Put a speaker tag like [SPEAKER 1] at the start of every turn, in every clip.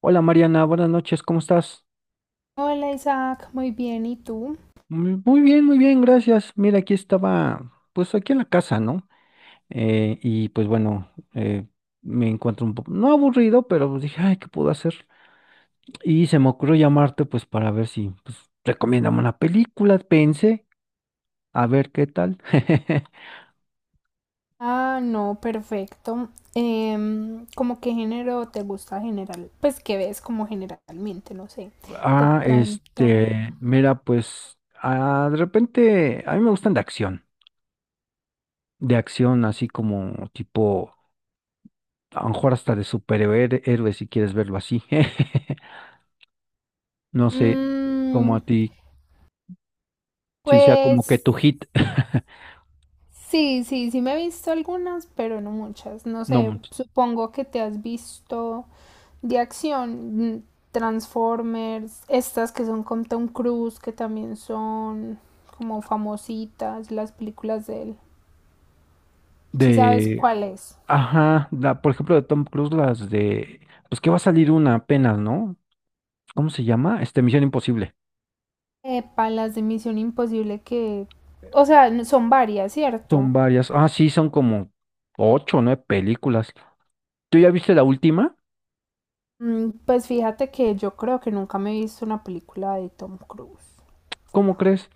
[SPEAKER 1] Hola Mariana, buenas noches, ¿cómo estás?
[SPEAKER 2] Hola Isaac, muy bien, ¿y tú?
[SPEAKER 1] Muy muy bien, gracias. Mira, aquí estaba, pues aquí en la casa, ¿no? Y pues bueno, me encuentro un poco, no aburrido, pero pues dije, ay, ¿qué puedo hacer? Y se me ocurrió llamarte, pues para ver si, pues, recomiéndame una película, pensé, a ver qué tal.
[SPEAKER 2] Ah, no, perfecto. ¿Cómo qué género te gusta general? Pues qué ves como generalmente, no sé. De pronto.
[SPEAKER 1] Mira, pues, de repente, a mí me gustan de acción así como tipo a lo mejor hasta de superhéroe si quieres verlo así. No sé, como
[SPEAKER 2] mm,
[SPEAKER 1] a ti, si sea como que
[SPEAKER 2] pues
[SPEAKER 1] tu hit,
[SPEAKER 2] sí, sí, sí me he visto algunas, pero no muchas. No
[SPEAKER 1] no,
[SPEAKER 2] sé,
[SPEAKER 1] mucho.
[SPEAKER 2] supongo que te has visto de acción, Transformers, estas que son con Tom Cruise, que también son como famositas, las películas de él. Si sabes
[SPEAKER 1] de,
[SPEAKER 2] cuál es.
[SPEAKER 1] ajá, la, por ejemplo, de Tom Cruise, las de, pues que va a salir una apenas, ¿no? ¿Cómo se llama? Este, Misión Imposible.
[SPEAKER 2] Epa, las de Misión Imposible que, o sea, son varias, ¿cierto?
[SPEAKER 1] Son varias, ah, sí, son como ocho o nueve películas. ¿Tú ya viste la última?
[SPEAKER 2] Mm. Pues fíjate que yo creo que nunca me he visto una película de Tom Cruise.
[SPEAKER 1] ¿Cómo crees?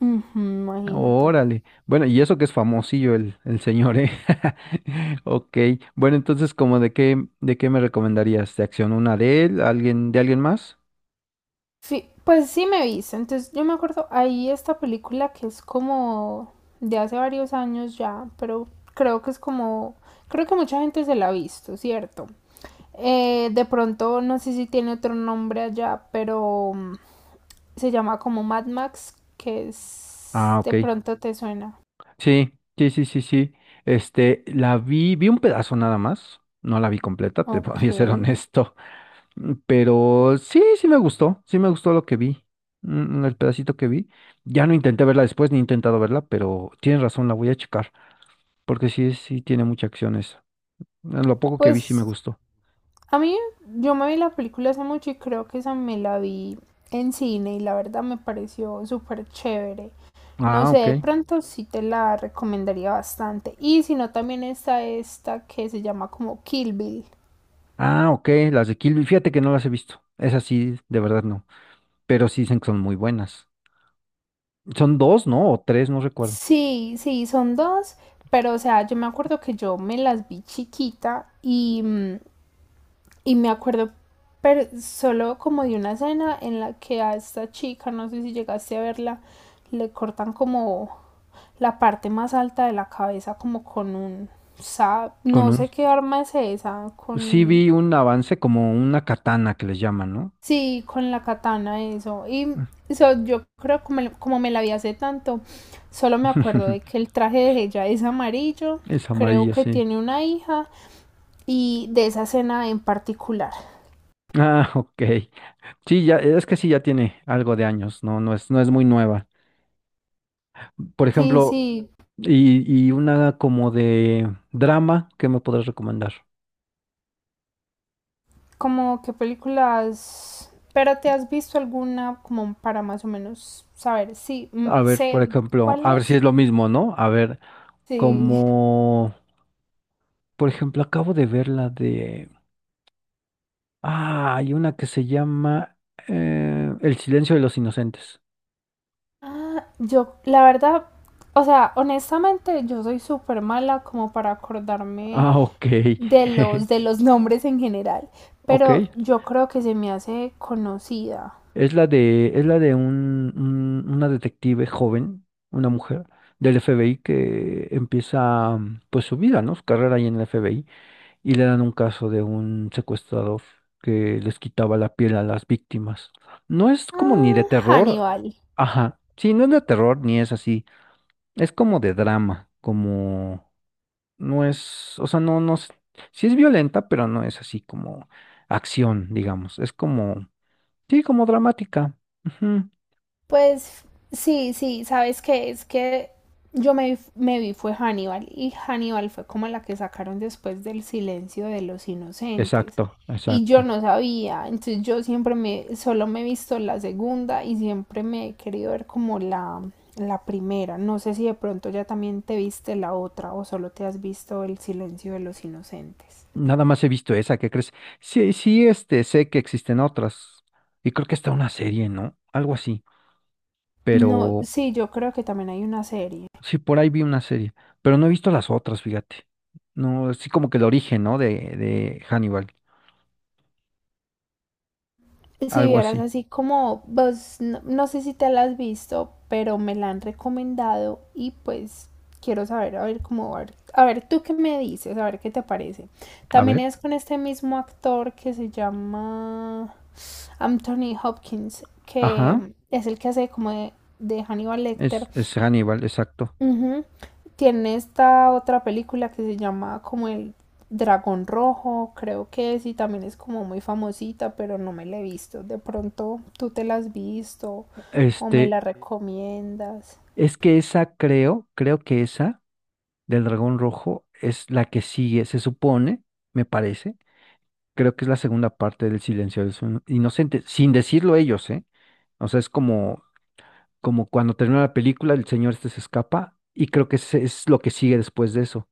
[SPEAKER 2] Ujú, imagínate.
[SPEAKER 1] Órale. Bueno, y eso que es famosillo el señor, ¿eh? Ok. Bueno, entonces, ¿como de qué me recomendarías? ¿De acción una de él? ¿Alguien, de alguien más?
[SPEAKER 2] Pues sí me he visto. Entonces yo me acuerdo, ahí esta película que es como de hace varios años ya, pero creo que es como, creo que mucha gente se la ha visto, ¿cierto? De pronto, no sé si tiene otro nombre allá, pero se llama como Mad Max, que es
[SPEAKER 1] Ah, ok.
[SPEAKER 2] de pronto te suena.
[SPEAKER 1] Sí, sí, sí, sí, sí. Este, la vi un pedazo nada más. No la vi completa, te voy
[SPEAKER 2] Ok.
[SPEAKER 1] a ser honesto. Mm. Pero sí, sí me gustó. Sí me gustó lo que vi. Mm, el pedacito que vi. Ya no intenté verla después, ni he intentado verla, pero tienes razón, la voy a checar. Porque sí, sí tiene mucha acción. Lo poco que vi sí me
[SPEAKER 2] Pues
[SPEAKER 1] gustó.
[SPEAKER 2] a mí, yo me vi la película hace mucho y creo que esa me la vi en cine y la verdad me pareció súper chévere. No
[SPEAKER 1] Ah,
[SPEAKER 2] sé,
[SPEAKER 1] ok.
[SPEAKER 2] de pronto sí te la recomendaría bastante. Y si no, también está esta que se llama como Kill Bill.
[SPEAKER 1] Ah, ok. Las de Kill Bill. Fíjate que no las he visto. Esas sí, de verdad no. Pero sí dicen que son muy buenas. Son dos, ¿no? O tres, no recuerdo.
[SPEAKER 2] Sí, sí, son dos, pero o sea, yo me acuerdo que yo me las vi chiquita Y me acuerdo, pero solo como de una escena en la que a esta chica, no sé si llegaste a verla, le cortan como la parte más alta de la cabeza, como con un
[SPEAKER 1] Con
[SPEAKER 2] no
[SPEAKER 1] un...
[SPEAKER 2] sé qué arma es esa,
[SPEAKER 1] Sí
[SPEAKER 2] con
[SPEAKER 1] vi un avance como una katana que les llaman, ¿no?
[SPEAKER 2] sí, con la katana, eso. Y yo creo como, como me la vi hace tanto, solo me acuerdo de que el traje de ella es amarillo,
[SPEAKER 1] Es
[SPEAKER 2] creo
[SPEAKER 1] amarillo,
[SPEAKER 2] que
[SPEAKER 1] sí.
[SPEAKER 2] tiene una hija, y de esa escena en particular.
[SPEAKER 1] Ah, ok. Sí, ya, es que sí, ya tiene algo de años, no, no es muy nueva. Por
[SPEAKER 2] Sí,
[SPEAKER 1] ejemplo,
[SPEAKER 2] sí.
[SPEAKER 1] y una como de drama, ¿qué me podrás recomendar?
[SPEAKER 2] ¿Como qué películas, pero te has visto alguna como para más o menos saber? Sí,
[SPEAKER 1] A ver, por
[SPEAKER 2] sé
[SPEAKER 1] ejemplo,
[SPEAKER 2] cuál
[SPEAKER 1] a ver si
[SPEAKER 2] es.
[SPEAKER 1] es lo mismo, ¿no? A ver,
[SPEAKER 2] Sí.
[SPEAKER 1] como, por ejemplo, acabo de ver la de... Ah, hay una que se llama El silencio de los inocentes.
[SPEAKER 2] Ah, yo, la verdad, o sea, honestamente, yo soy súper mala como para acordarme
[SPEAKER 1] Ah, ok.
[SPEAKER 2] de los nombres en general,
[SPEAKER 1] Ok.
[SPEAKER 2] pero yo creo que se me hace conocida.
[SPEAKER 1] Es la de un, una detective joven, una mujer del FBI que empieza pues su vida, ¿no? Su carrera ahí en el FBI y le dan un caso de un secuestrador que les quitaba la piel a las víctimas. No es como ni de
[SPEAKER 2] Ah,
[SPEAKER 1] terror.
[SPEAKER 2] Hannibal.
[SPEAKER 1] Ajá. Sí, no es de terror ni es así. Es como de drama, como no es, o sea, no, no, sí es violenta, pero no es así como acción, digamos. Es como, sí, como dramática. Ujú.
[SPEAKER 2] Pues sí, sí, ¿sabes que Es que yo me, me vi fue Hannibal, y Hannibal fue como la que sacaron después del silencio de los inocentes
[SPEAKER 1] Exacto,
[SPEAKER 2] y
[SPEAKER 1] exacto.
[SPEAKER 2] yo no sabía, entonces yo siempre me, solo me he visto la segunda y siempre me he querido ver como la primera. No sé si de pronto ya también te viste la otra o solo te has visto el silencio de los inocentes.
[SPEAKER 1] Nada más he visto esa, ¿qué crees? Sí, sí, este, sé que existen otras. Y creo que está una serie, ¿no? Algo así.
[SPEAKER 2] No,
[SPEAKER 1] Pero
[SPEAKER 2] sí, yo creo que también hay una serie.
[SPEAKER 1] sí, por ahí vi una serie. Pero no he visto las otras, fíjate. No, sí como que el origen, ¿no? De Hannibal.
[SPEAKER 2] Si
[SPEAKER 1] Algo
[SPEAKER 2] vieras
[SPEAKER 1] así.
[SPEAKER 2] así como, vos, no, no sé si te la has visto, pero me la han recomendado y pues quiero saber, a ver cómo, a ver tú qué me dices, a ver qué te parece.
[SPEAKER 1] A
[SPEAKER 2] También
[SPEAKER 1] ver.
[SPEAKER 2] es con este mismo actor que se llama Anthony Hopkins,
[SPEAKER 1] Ajá.
[SPEAKER 2] que es el que hace como de Hannibal Lecter.
[SPEAKER 1] Es Hannibal, exacto.
[SPEAKER 2] Ujú. Tiene esta otra película que se llama como El Dragón Rojo, creo que es, y también es como muy famosita, pero no me la he visto. De pronto tú te la has visto o
[SPEAKER 1] Este,
[SPEAKER 2] me la recomiendas.
[SPEAKER 1] es que esa creo que esa del Dragón Rojo es la que sigue, se supone, me parece. Creo que es la segunda parte del Silencio de los Inocentes, sin decirlo ellos, ¿eh? O sea, es como, como cuando termina la película, el señor este se escapa y creo que ese es lo que sigue después de eso.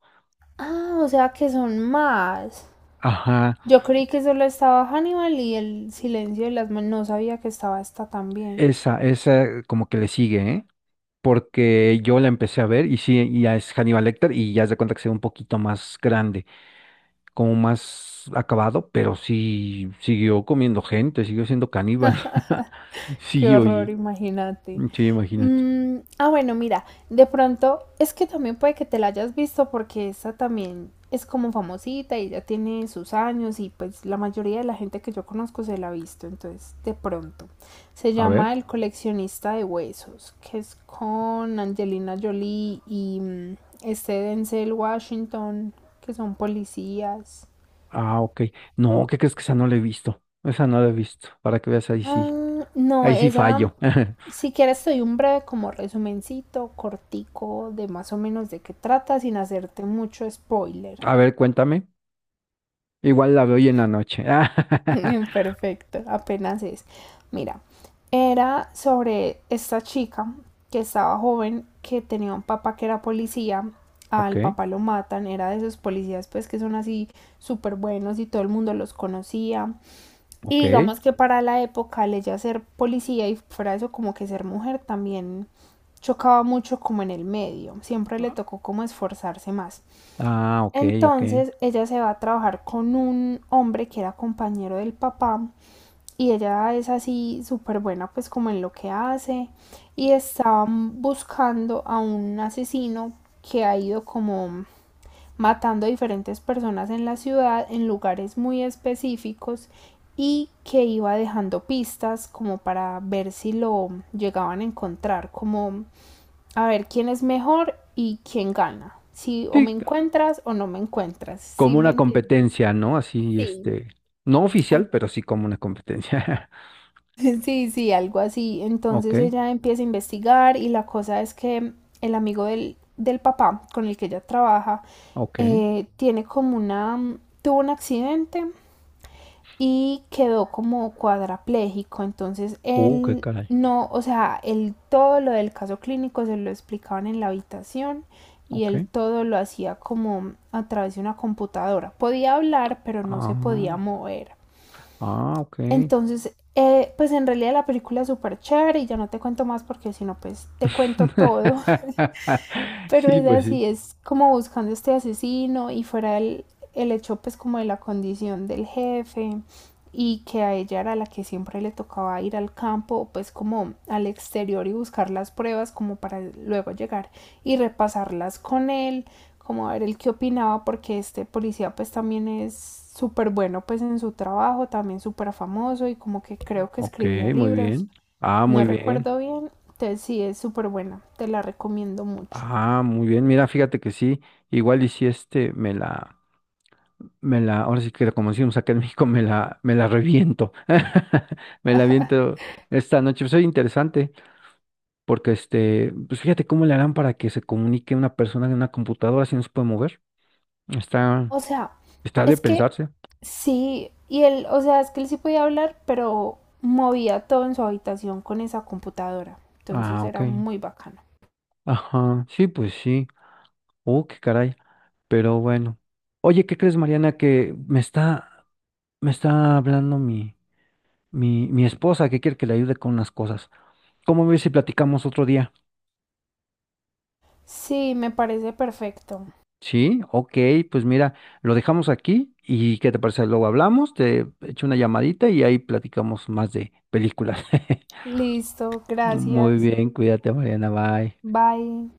[SPEAKER 2] Ah, o sea que son más.
[SPEAKER 1] Ajá,
[SPEAKER 2] Yo creí que solo estaba Hannibal y El Silencio de las Manos. No sabía que estaba esta también.
[SPEAKER 1] esa como que le sigue, ¿eh? Porque yo la empecé a ver y sí, y ya es Hannibal Lecter y ya se da cuenta que se ve un poquito más grande, como más acabado, pero sí siguió comiendo gente, siguió siendo caníbal.
[SPEAKER 2] Qué
[SPEAKER 1] Sí,
[SPEAKER 2] horror,
[SPEAKER 1] oye,
[SPEAKER 2] imagínate.
[SPEAKER 1] sí, imagínate.
[SPEAKER 2] Bueno, mira, de pronto es que también puede que te la hayas visto porque esa también es como famosita y ya tiene sus años y pues la mayoría de la gente que yo conozco se la ha visto, entonces de pronto. Se
[SPEAKER 1] A
[SPEAKER 2] llama
[SPEAKER 1] ver,
[SPEAKER 2] El coleccionista de huesos, que es con Angelina Jolie este Denzel Washington, que son policías.
[SPEAKER 1] ah, ok. No, ¿qué crees que esa no la he visto? Esa no la he visto, para que veas,
[SPEAKER 2] Ah, no,
[SPEAKER 1] ahí sí
[SPEAKER 2] esa,
[SPEAKER 1] fallo.
[SPEAKER 2] si quieres, soy un breve como resumencito, cortico, de más o menos de qué trata, sin hacerte mucho spoiler.
[SPEAKER 1] A ver, cuéntame. Igual la veo hoy en la noche.
[SPEAKER 2] Perfecto, apenas es. Mira, era sobre esta chica que estaba joven, que tenía un papá que era policía,
[SPEAKER 1] Ok,
[SPEAKER 2] al papá lo matan, era de esos policías pues que son así súper buenos y todo el mundo los conocía.
[SPEAKER 1] ok.
[SPEAKER 2] Y digamos que para la época, el ella ser policía y fuera eso, como que ser mujer también chocaba mucho como en el medio, siempre le tocó como esforzarse más.
[SPEAKER 1] Ah, ok, ok.
[SPEAKER 2] Entonces ella se va a trabajar con un hombre que era compañero del papá y ella es así súper buena pues como en lo que hace y estaban buscando a un asesino que ha ido como matando a diferentes personas en la ciudad en lugares muy específicos y que iba dejando pistas como para ver si lo llegaban a encontrar, como a ver quién es mejor y quién gana, si o me
[SPEAKER 1] Sí,
[SPEAKER 2] encuentras o no me encuentras, ¿sí
[SPEAKER 1] como
[SPEAKER 2] me
[SPEAKER 1] una
[SPEAKER 2] entiendes?
[SPEAKER 1] competencia, ¿no? Así,
[SPEAKER 2] Sí.
[SPEAKER 1] este, no
[SPEAKER 2] Al-
[SPEAKER 1] oficial, pero sí como una competencia.
[SPEAKER 2] Sí, sí, algo así.
[SPEAKER 1] Ok,
[SPEAKER 2] Entonces ella empieza a investigar y la cosa es que el amigo del, del papá con el que ella trabaja
[SPEAKER 1] ok.
[SPEAKER 2] tiene como una, tuvo un accidente y quedó como cuadraplégico. Entonces
[SPEAKER 1] Qué
[SPEAKER 2] él
[SPEAKER 1] caray.
[SPEAKER 2] no, o sea, él todo lo del caso clínico se lo explicaban en la habitación y él
[SPEAKER 1] Ok.
[SPEAKER 2] todo lo hacía como a través de una computadora. Podía hablar, pero no
[SPEAKER 1] Ah,
[SPEAKER 2] se podía mover.
[SPEAKER 1] ah, ok.
[SPEAKER 2] Entonces, pues en realidad la película es súper chévere y ya no te cuento más porque si no, pues te cuento todo. Pero
[SPEAKER 1] Sí,
[SPEAKER 2] es
[SPEAKER 1] pues sí.
[SPEAKER 2] así, es como buscando este asesino y fuera el hecho pues como de la condición del jefe y que a ella era la que siempre le tocaba ir al campo pues como al exterior y buscar las pruebas como para luego llegar y repasarlas con él como a ver el qué opinaba porque este policía pues también es súper bueno pues en su trabajo, también súper famoso y como que creo que
[SPEAKER 1] Ok,
[SPEAKER 2] escribía
[SPEAKER 1] muy
[SPEAKER 2] libros,
[SPEAKER 1] bien. Ah,
[SPEAKER 2] no
[SPEAKER 1] muy bien.
[SPEAKER 2] recuerdo bien. Entonces sí es súper buena, te la recomiendo mucho.
[SPEAKER 1] Ah, muy bien. Mira, fíjate que sí. Igual y si este ahora sí que como decimos acá en México, me la reviento. Me la reviento esta noche. Soy interesante, porque este, pues fíjate cómo le harán para que se comunique una persona en una computadora si no se puede mover. Está,
[SPEAKER 2] O sea,
[SPEAKER 1] está de
[SPEAKER 2] es que
[SPEAKER 1] pensarse.
[SPEAKER 2] sí, y él, o sea, es que él sí podía hablar, pero movía todo en su habitación con esa computadora. Entonces
[SPEAKER 1] Ah, ok.
[SPEAKER 2] era muy bacano.
[SPEAKER 1] Ajá. Sí, pues sí. Oh, qué caray. Pero bueno. Oye, ¿qué crees, Mariana? Que me está hablando mi, mi esposa que quiere que le ayude con unas cosas. ¿Cómo ves si platicamos otro día?
[SPEAKER 2] Sí, me parece perfecto.
[SPEAKER 1] Sí, ok, pues mira, lo dejamos aquí y ¿qué te parece? Luego hablamos, te echo una llamadita y ahí platicamos más de películas.
[SPEAKER 2] Listo,
[SPEAKER 1] Muy
[SPEAKER 2] gracias.
[SPEAKER 1] bien, cuídate, Mariana, bye.
[SPEAKER 2] Bye.